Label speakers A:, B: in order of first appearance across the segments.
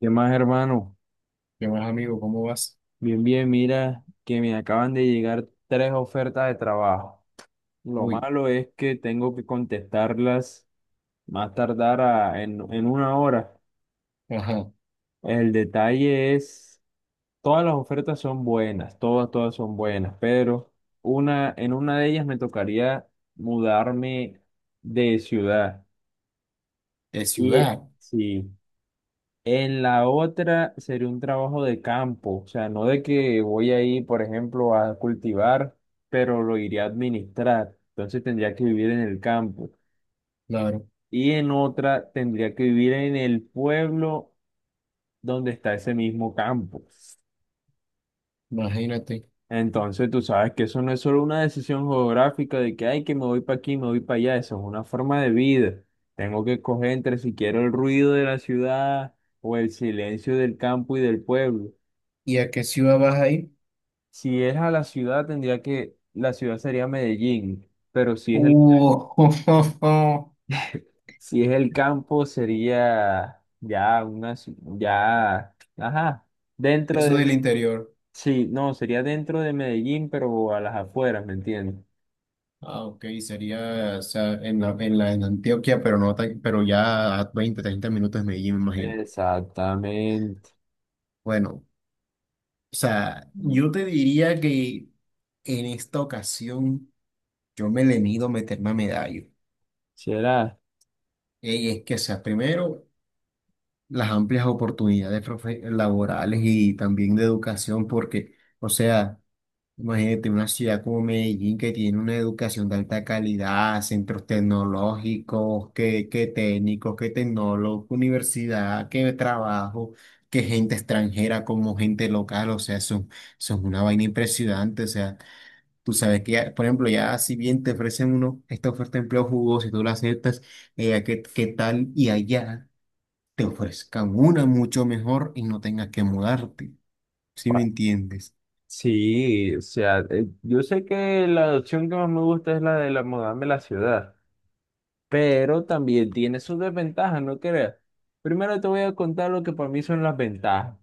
A: ¿Qué más, hermano?
B: ¿Qué más, amigo? ¿Cómo vas?
A: Bien, bien, mira que me acaban de llegar tres ofertas de trabajo. Lo
B: Uy.
A: malo es que tengo que contestarlas más tardar en una hora.
B: Ajá.
A: El detalle es, todas las ofertas son buenas, todas, todas son buenas, pero en una de ellas me tocaría mudarme de ciudad.
B: De
A: Y
B: ciudad.
A: sí. En la otra sería un trabajo de campo, o sea, no de que voy a ir, por ejemplo, a cultivar, pero lo iría a administrar. Entonces tendría que vivir en el campo.
B: Claro.
A: Y en otra tendría que vivir en el pueblo donde está ese mismo campo.
B: Imagínate.
A: Entonces tú sabes que eso no es solo una decisión geográfica de que, ay, que me voy para aquí, me voy para allá. Eso es una forma de vida. Tengo que escoger entre si quiero el ruido de la ciudad o el silencio del campo y del pueblo.
B: ¿Y a qué ciudad vas ahí?
A: Si es a la ciudad, tendría que, la ciudad sería Medellín, pero si es el,
B: Uh,
A: si es el campo, sería ya una, ya, ajá,
B: de
A: dentro
B: eso
A: de,
B: del interior.
A: sí, no, sería dentro de Medellín, pero a las afueras, ¿me entiendes?
B: Ah, ok, sería, o sea, en la, en Antioquia, pero no tan- pero ya a 20 a 30 minutos de Medellín, me imagino.
A: Exactamente.
B: Bueno, o sea, yo te diría que en esta ocasión yo me le mido meterme a medallo.
A: ¿Será?
B: Y es que, o sea, primero, las amplias oportunidades laborales y también de educación, porque, o sea, imagínate una ciudad como Medellín, que tiene una educación de alta calidad, centros tecnológicos, que, técnicos, que tecnólogos, universidad, que trabajo, que gente extranjera como gente local, o sea, son una vaina impresionante. O sea, tú sabes que ya, por ejemplo, ya si bien te ofrecen uno, esta oferta de empleo jugoso y tú la aceptas, ¿qué, tal? Y allá te ofrezcan una mucho mejor y no tengas que mudarte. ¿Sí me
A: Bueno,
B: entiendes?
A: sí, o sea, yo sé que la opción que más me gusta es la de la mudarme a la ciudad. Pero también tiene sus desventajas, ¿no creas? Primero te voy a contar lo que para mí son las ventajas.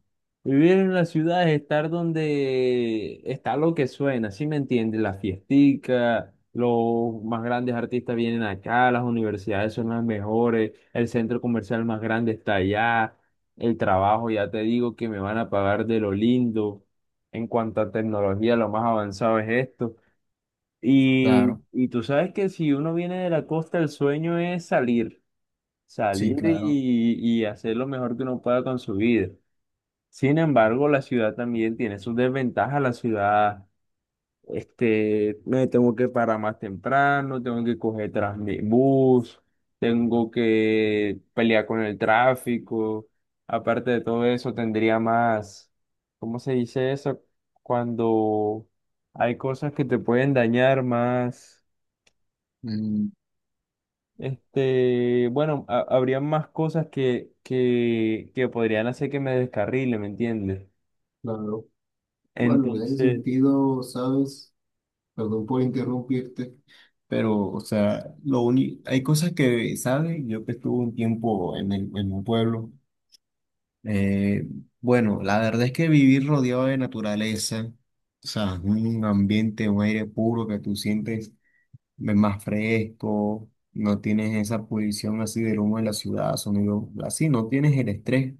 A: Vivir en la ciudad es estar donde está lo que suena, ¿sí me entiendes? Las fiesticas, los más grandes artistas vienen acá, las universidades son las mejores, el centro comercial más grande está allá, el trabajo, ya te digo que me van a pagar de lo lindo. En cuanto a tecnología, lo más avanzado es esto. Y,
B: Claro.
A: y tú sabes que si uno viene de la costa, el sueño es salir,
B: Sí,
A: salir
B: claro.
A: y hacer lo mejor que uno pueda con su vida. Sin embargo, la ciudad también tiene sus desventajas. La ciudad, me tengo que parar más temprano, tengo que coger bus, tengo que pelear con el tráfico. Aparte de todo eso, tendría más, ¿cómo se dice eso? Cuando hay cosas que te pueden dañar más.
B: Mm.
A: Bueno, habría más cosas que, que podrían hacer que me descarrile, ¿me entiendes?
B: Claro. Bueno, en ese
A: Entonces,
B: sentido, ¿sabes? Perdón por interrumpirte, pero, o sea, lo único, hay cosas que, ¿sabes? Yo que estuve un tiempo en el, en un pueblo, eh, bueno, la verdad es que vivir rodeado de naturaleza, o sea, un ambiente, un aire puro que tú sientes, es más fresco, no tienes esa polución así del humo de la ciudad, sonido así, no tienes el estrés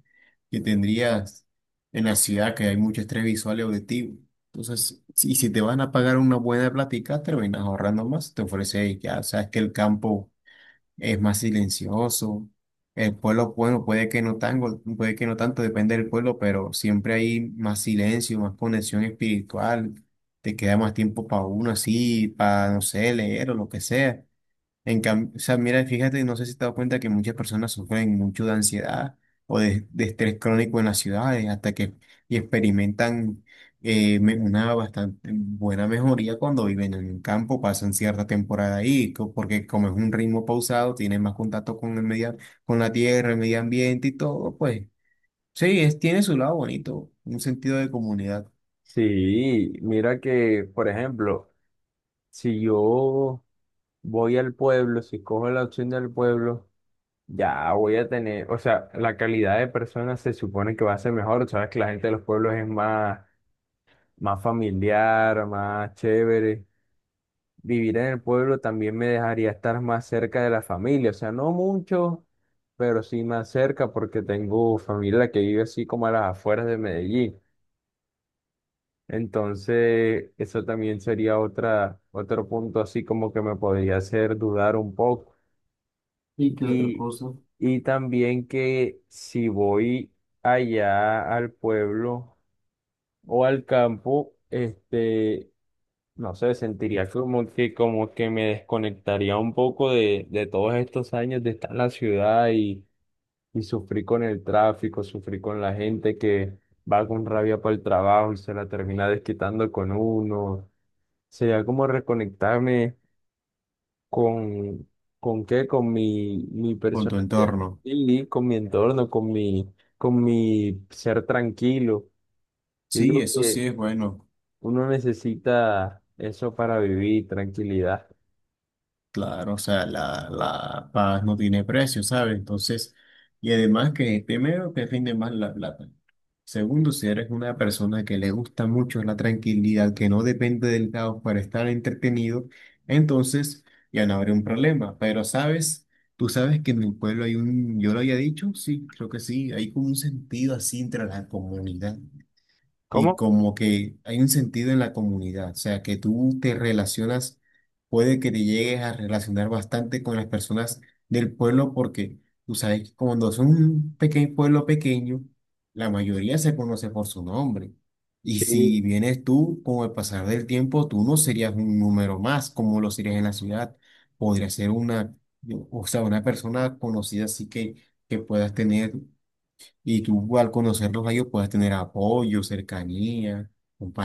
B: que tendrías en la ciudad, que hay mucho estrés visual y auditivo. Entonces, si te van a pagar una buena plática, terminas ahorrando más, te ofrece, ya sabes que el campo es más silencioso. El pueblo, bueno, puede que no tanto, puede que no tanto, depende del pueblo, pero siempre hay más silencio, más conexión espiritual, te queda más tiempo para uno así, para, no sé, leer o lo que sea. En cambio, o sea, mira, fíjate, no sé si te has dado cuenta que muchas personas sufren mucho de ansiedad o de estrés crónico en las ciudades, hasta que y experimentan una bastante buena mejoría cuando viven en el campo, pasan cierta temporada ahí, porque como es un ritmo pausado, tienen más contacto con el medio, con la tierra, el medio ambiente y todo. Pues sí, es, tiene su lado bonito, un sentido de comunidad.
A: sí, mira que, por ejemplo, si yo voy al pueblo, si cojo la opción del pueblo, ya voy a tener, o sea, la calidad de personas se supone que va a ser mejor, sabes que la gente de los pueblos es más, más familiar, más chévere. Vivir en el pueblo también me dejaría estar más cerca de la familia, o sea, no mucho, pero sí más cerca porque tengo familia que vive así como a las afueras de Medellín. Entonces, eso también sería otra, otro punto así como que me podría hacer dudar un poco.
B: ¿Y qué otra
A: Y,
B: cosa?
A: y también que si voy allá al pueblo o al campo, no sé, sentiría como que me desconectaría un poco de todos estos años de estar en la ciudad y sufrir con el tráfico, sufrir con la gente que va con rabia para el trabajo y se la termina desquitando con uno. Sería como reconectarme con, ¿con qué? Con mi
B: Con tu
A: personalidad,
B: entorno.
A: y con mi entorno, con mi ser tranquilo. Yo
B: Sí,
A: digo
B: eso sí
A: que
B: es bueno.
A: uno necesita eso para vivir, tranquilidad.
B: Claro, o sea, la paz no tiene precio, ¿sabes? Entonces, y además que primero te rinde más la plata. Segundo, si eres una persona que le gusta mucho la tranquilidad, que no depende del caos para estar entretenido, entonces ya no habrá un problema. Pero, ¿sabes? Tú sabes que en mi pueblo hay un, yo lo había dicho, sí, creo que sí, hay como un sentido así entre la comunidad y
A: ¿Cómo?
B: como que hay un sentido en la comunidad, o sea, que tú te relacionas, puede que te llegues a relacionar bastante con las personas del pueblo, porque tú sabes que cuando es un pequeño pueblo pequeño, la mayoría se conoce por su nombre. Y si
A: Sí,
B: vienes tú, con el pasar del tiempo, tú no serías un número más como lo serías en la ciudad. Podrías ser una, o sea, una persona conocida, así que puedas tener. Y tú al conocerlos a ellos puedes tener apoyo, cercanía,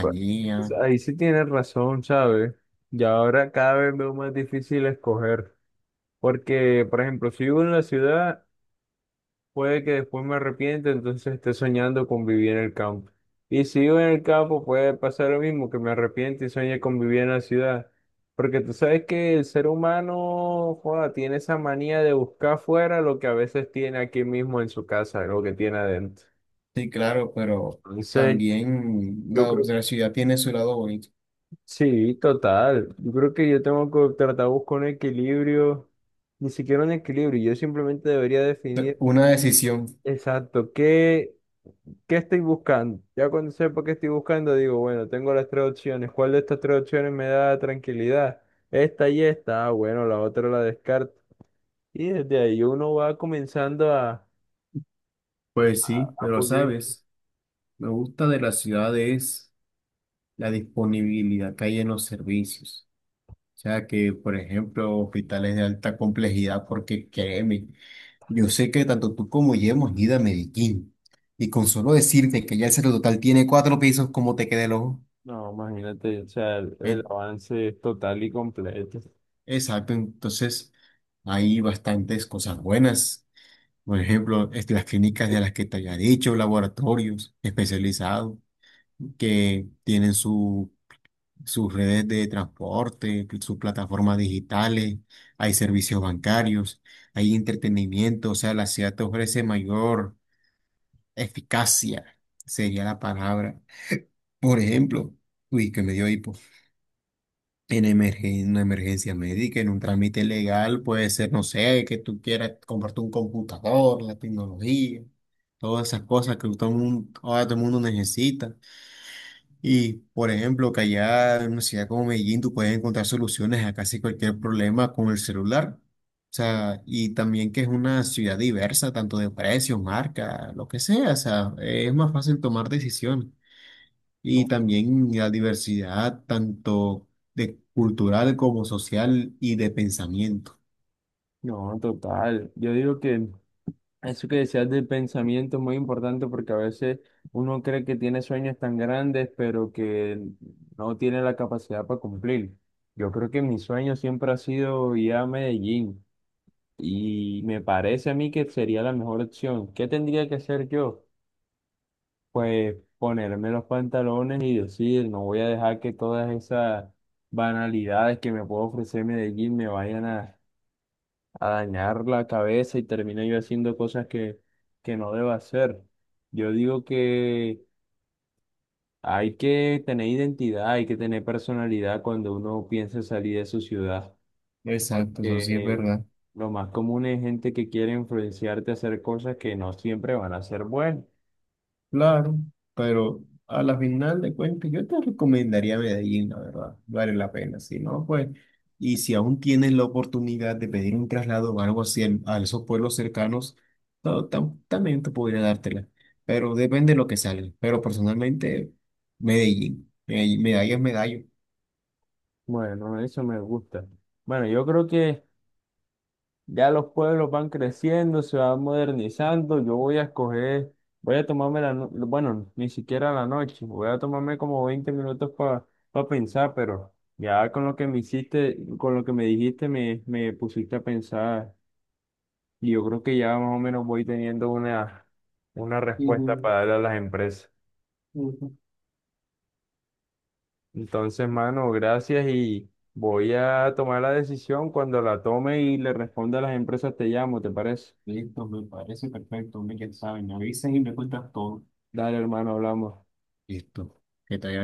A: bu- pues ahí sí tienes razón, ¿sabes? Y ahora cada vez veo más difícil escoger, porque, por ejemplo, si vivo en la ciudad, puede que después me arrepienta, entonces esté soñando con vivir en el campo. Y si vivo en el campo, puede pasar lo mismo, que me arrepiente y sueñe con vivir en la ciudad. Porque tú sabes que el ser humano, joda, tiene esa manía de buscar afuera lo que a veces tiene aquí mismo en su casa, lo que tiene adentro.
B: Sí, claro, pero
A: Entonces,
B: también
A: yo creo
B: la ciudad tiene su lado bonito.
A: sí, total. Yo creo que yo tengo que tratar de buscar un equilibrio, ni siquiera un equilibrio. Yo simplemente debería definir
B: Una decisión.
A: exacto qué, qué estoy buscando. Ya cuando sepa qué estoy buscando, digo, bueno, tengo las tres opciones. ¿Cuál de estas tres opciones me da tranquilidad? Esta y esta. Ah, bueno, la otra la descarto. Y desde ahí uno va comenzando
B: Pues sí,
A: a
B: pero
A: pulir.
B: sabes, me gusta de la ciudad es la disponibilidad que hay en los servicios. O sea que, por ejemplo, hospitales de alta complejidad, porque créeme, yo sé que tanto tú como yo hemos ido a Medellín. Y con solo decirte que ya el Total tiene 4 pisos, como te queda el ojo?
A: No, imagínate, o sea, el avance es total y completo.
B: Exacto, entonces hay bastantes cosas buenas. Por ejemplo, este, las clínicas de las que te había dicho, laboratorios especializados que tienen su, sus redes de transporte, sus plataformas digitales, hay servicios bancarios, hay entretenimiento. O sea, la ciudad te ofrece mayor eficacia, sería la palabra. Por ejemplo, uy, que me dio hipo. En una emergencia médica, en un trámite legal, puede ser, no sé, que tú quieras comprarte un computador, la tecnología, todas esas cosas que todo el mundo, ahora todo el mundo necesita. Y, por ejemplo, que allá en una ciudad como Medellín tú puedes encontrar soluciones a casi cualquier problema con el celular. O sea, y también que es una ciudad diversa, tanto de precios, marca, lo que sea. O sea, es más fácil tomar decisiones. Y
A: No,
B: también la diversidad tanto de cultural como social y de pensamiento.
A: no, total. Yo digo que eso que decías del pensamiento es muy importante porque a veces uno cree que tiene sueños tan grandes, pero que no tiene la capacidad para cumplir. Yo creo que mi sueño siempre ha sido ir a Medellín y me parece a mí que sería la mejor opción. ¿Qué tendría que hacer yo? Pues ponerme los pantalones y decir, no voy a dejar que todas esas banalidades que me puede ofrecer Medellín me vayan a dañar la cabeza y termine yo haciendo cosas que no debo hacer. Yo digo que hay que tener identidad, hay que tener personalidad cuando uno piensa salir de su ciudad.
B: Exacto, eso sí es
A: Que
B: verdad.
A: lo más común es gente que quiere influenciarte a hacer cosas que no siempre van a ser buenas.
B: Claro, pero a la final de cuentas yo te recomendaría Medellín, la verdad, vale la pena. Si no, pues, y si aún tienes la oportunidad de pedir un traslado o algo así a esos pueblos cercanos, no, también te podría dártela, pero depende de lo que salga. Pero personalmente Medellín, Medellín, medalla es medallo.
A: Bueno, eso me gusta. Bueno, yo creo que ya los pueblos van creciendo, se van modernizando. Yo voy a escoger, voy a tomarme la, bueno, ni siquiera la noche, voy a tomarme como 20 minutos para pensar, pero ya con lo que me hiciste, con lo que me dijiste, me pusiste a pensar y yo creo que ya más o menos voy teniendo una respuesta
B: Ujú,
A: para darle a las empresas.
B: ujú.
A: Entonces, mano, gracias y voy a tomar la decisión. Cuando la tome y le responda a las empresas, te llamo, ¿te parece?
B: Listo, me parece perfecto. Hombre, ya saben, me avisas y me cuentas todo.
A: Dale, hermano, hablamos.
B: Listo. Que te vaya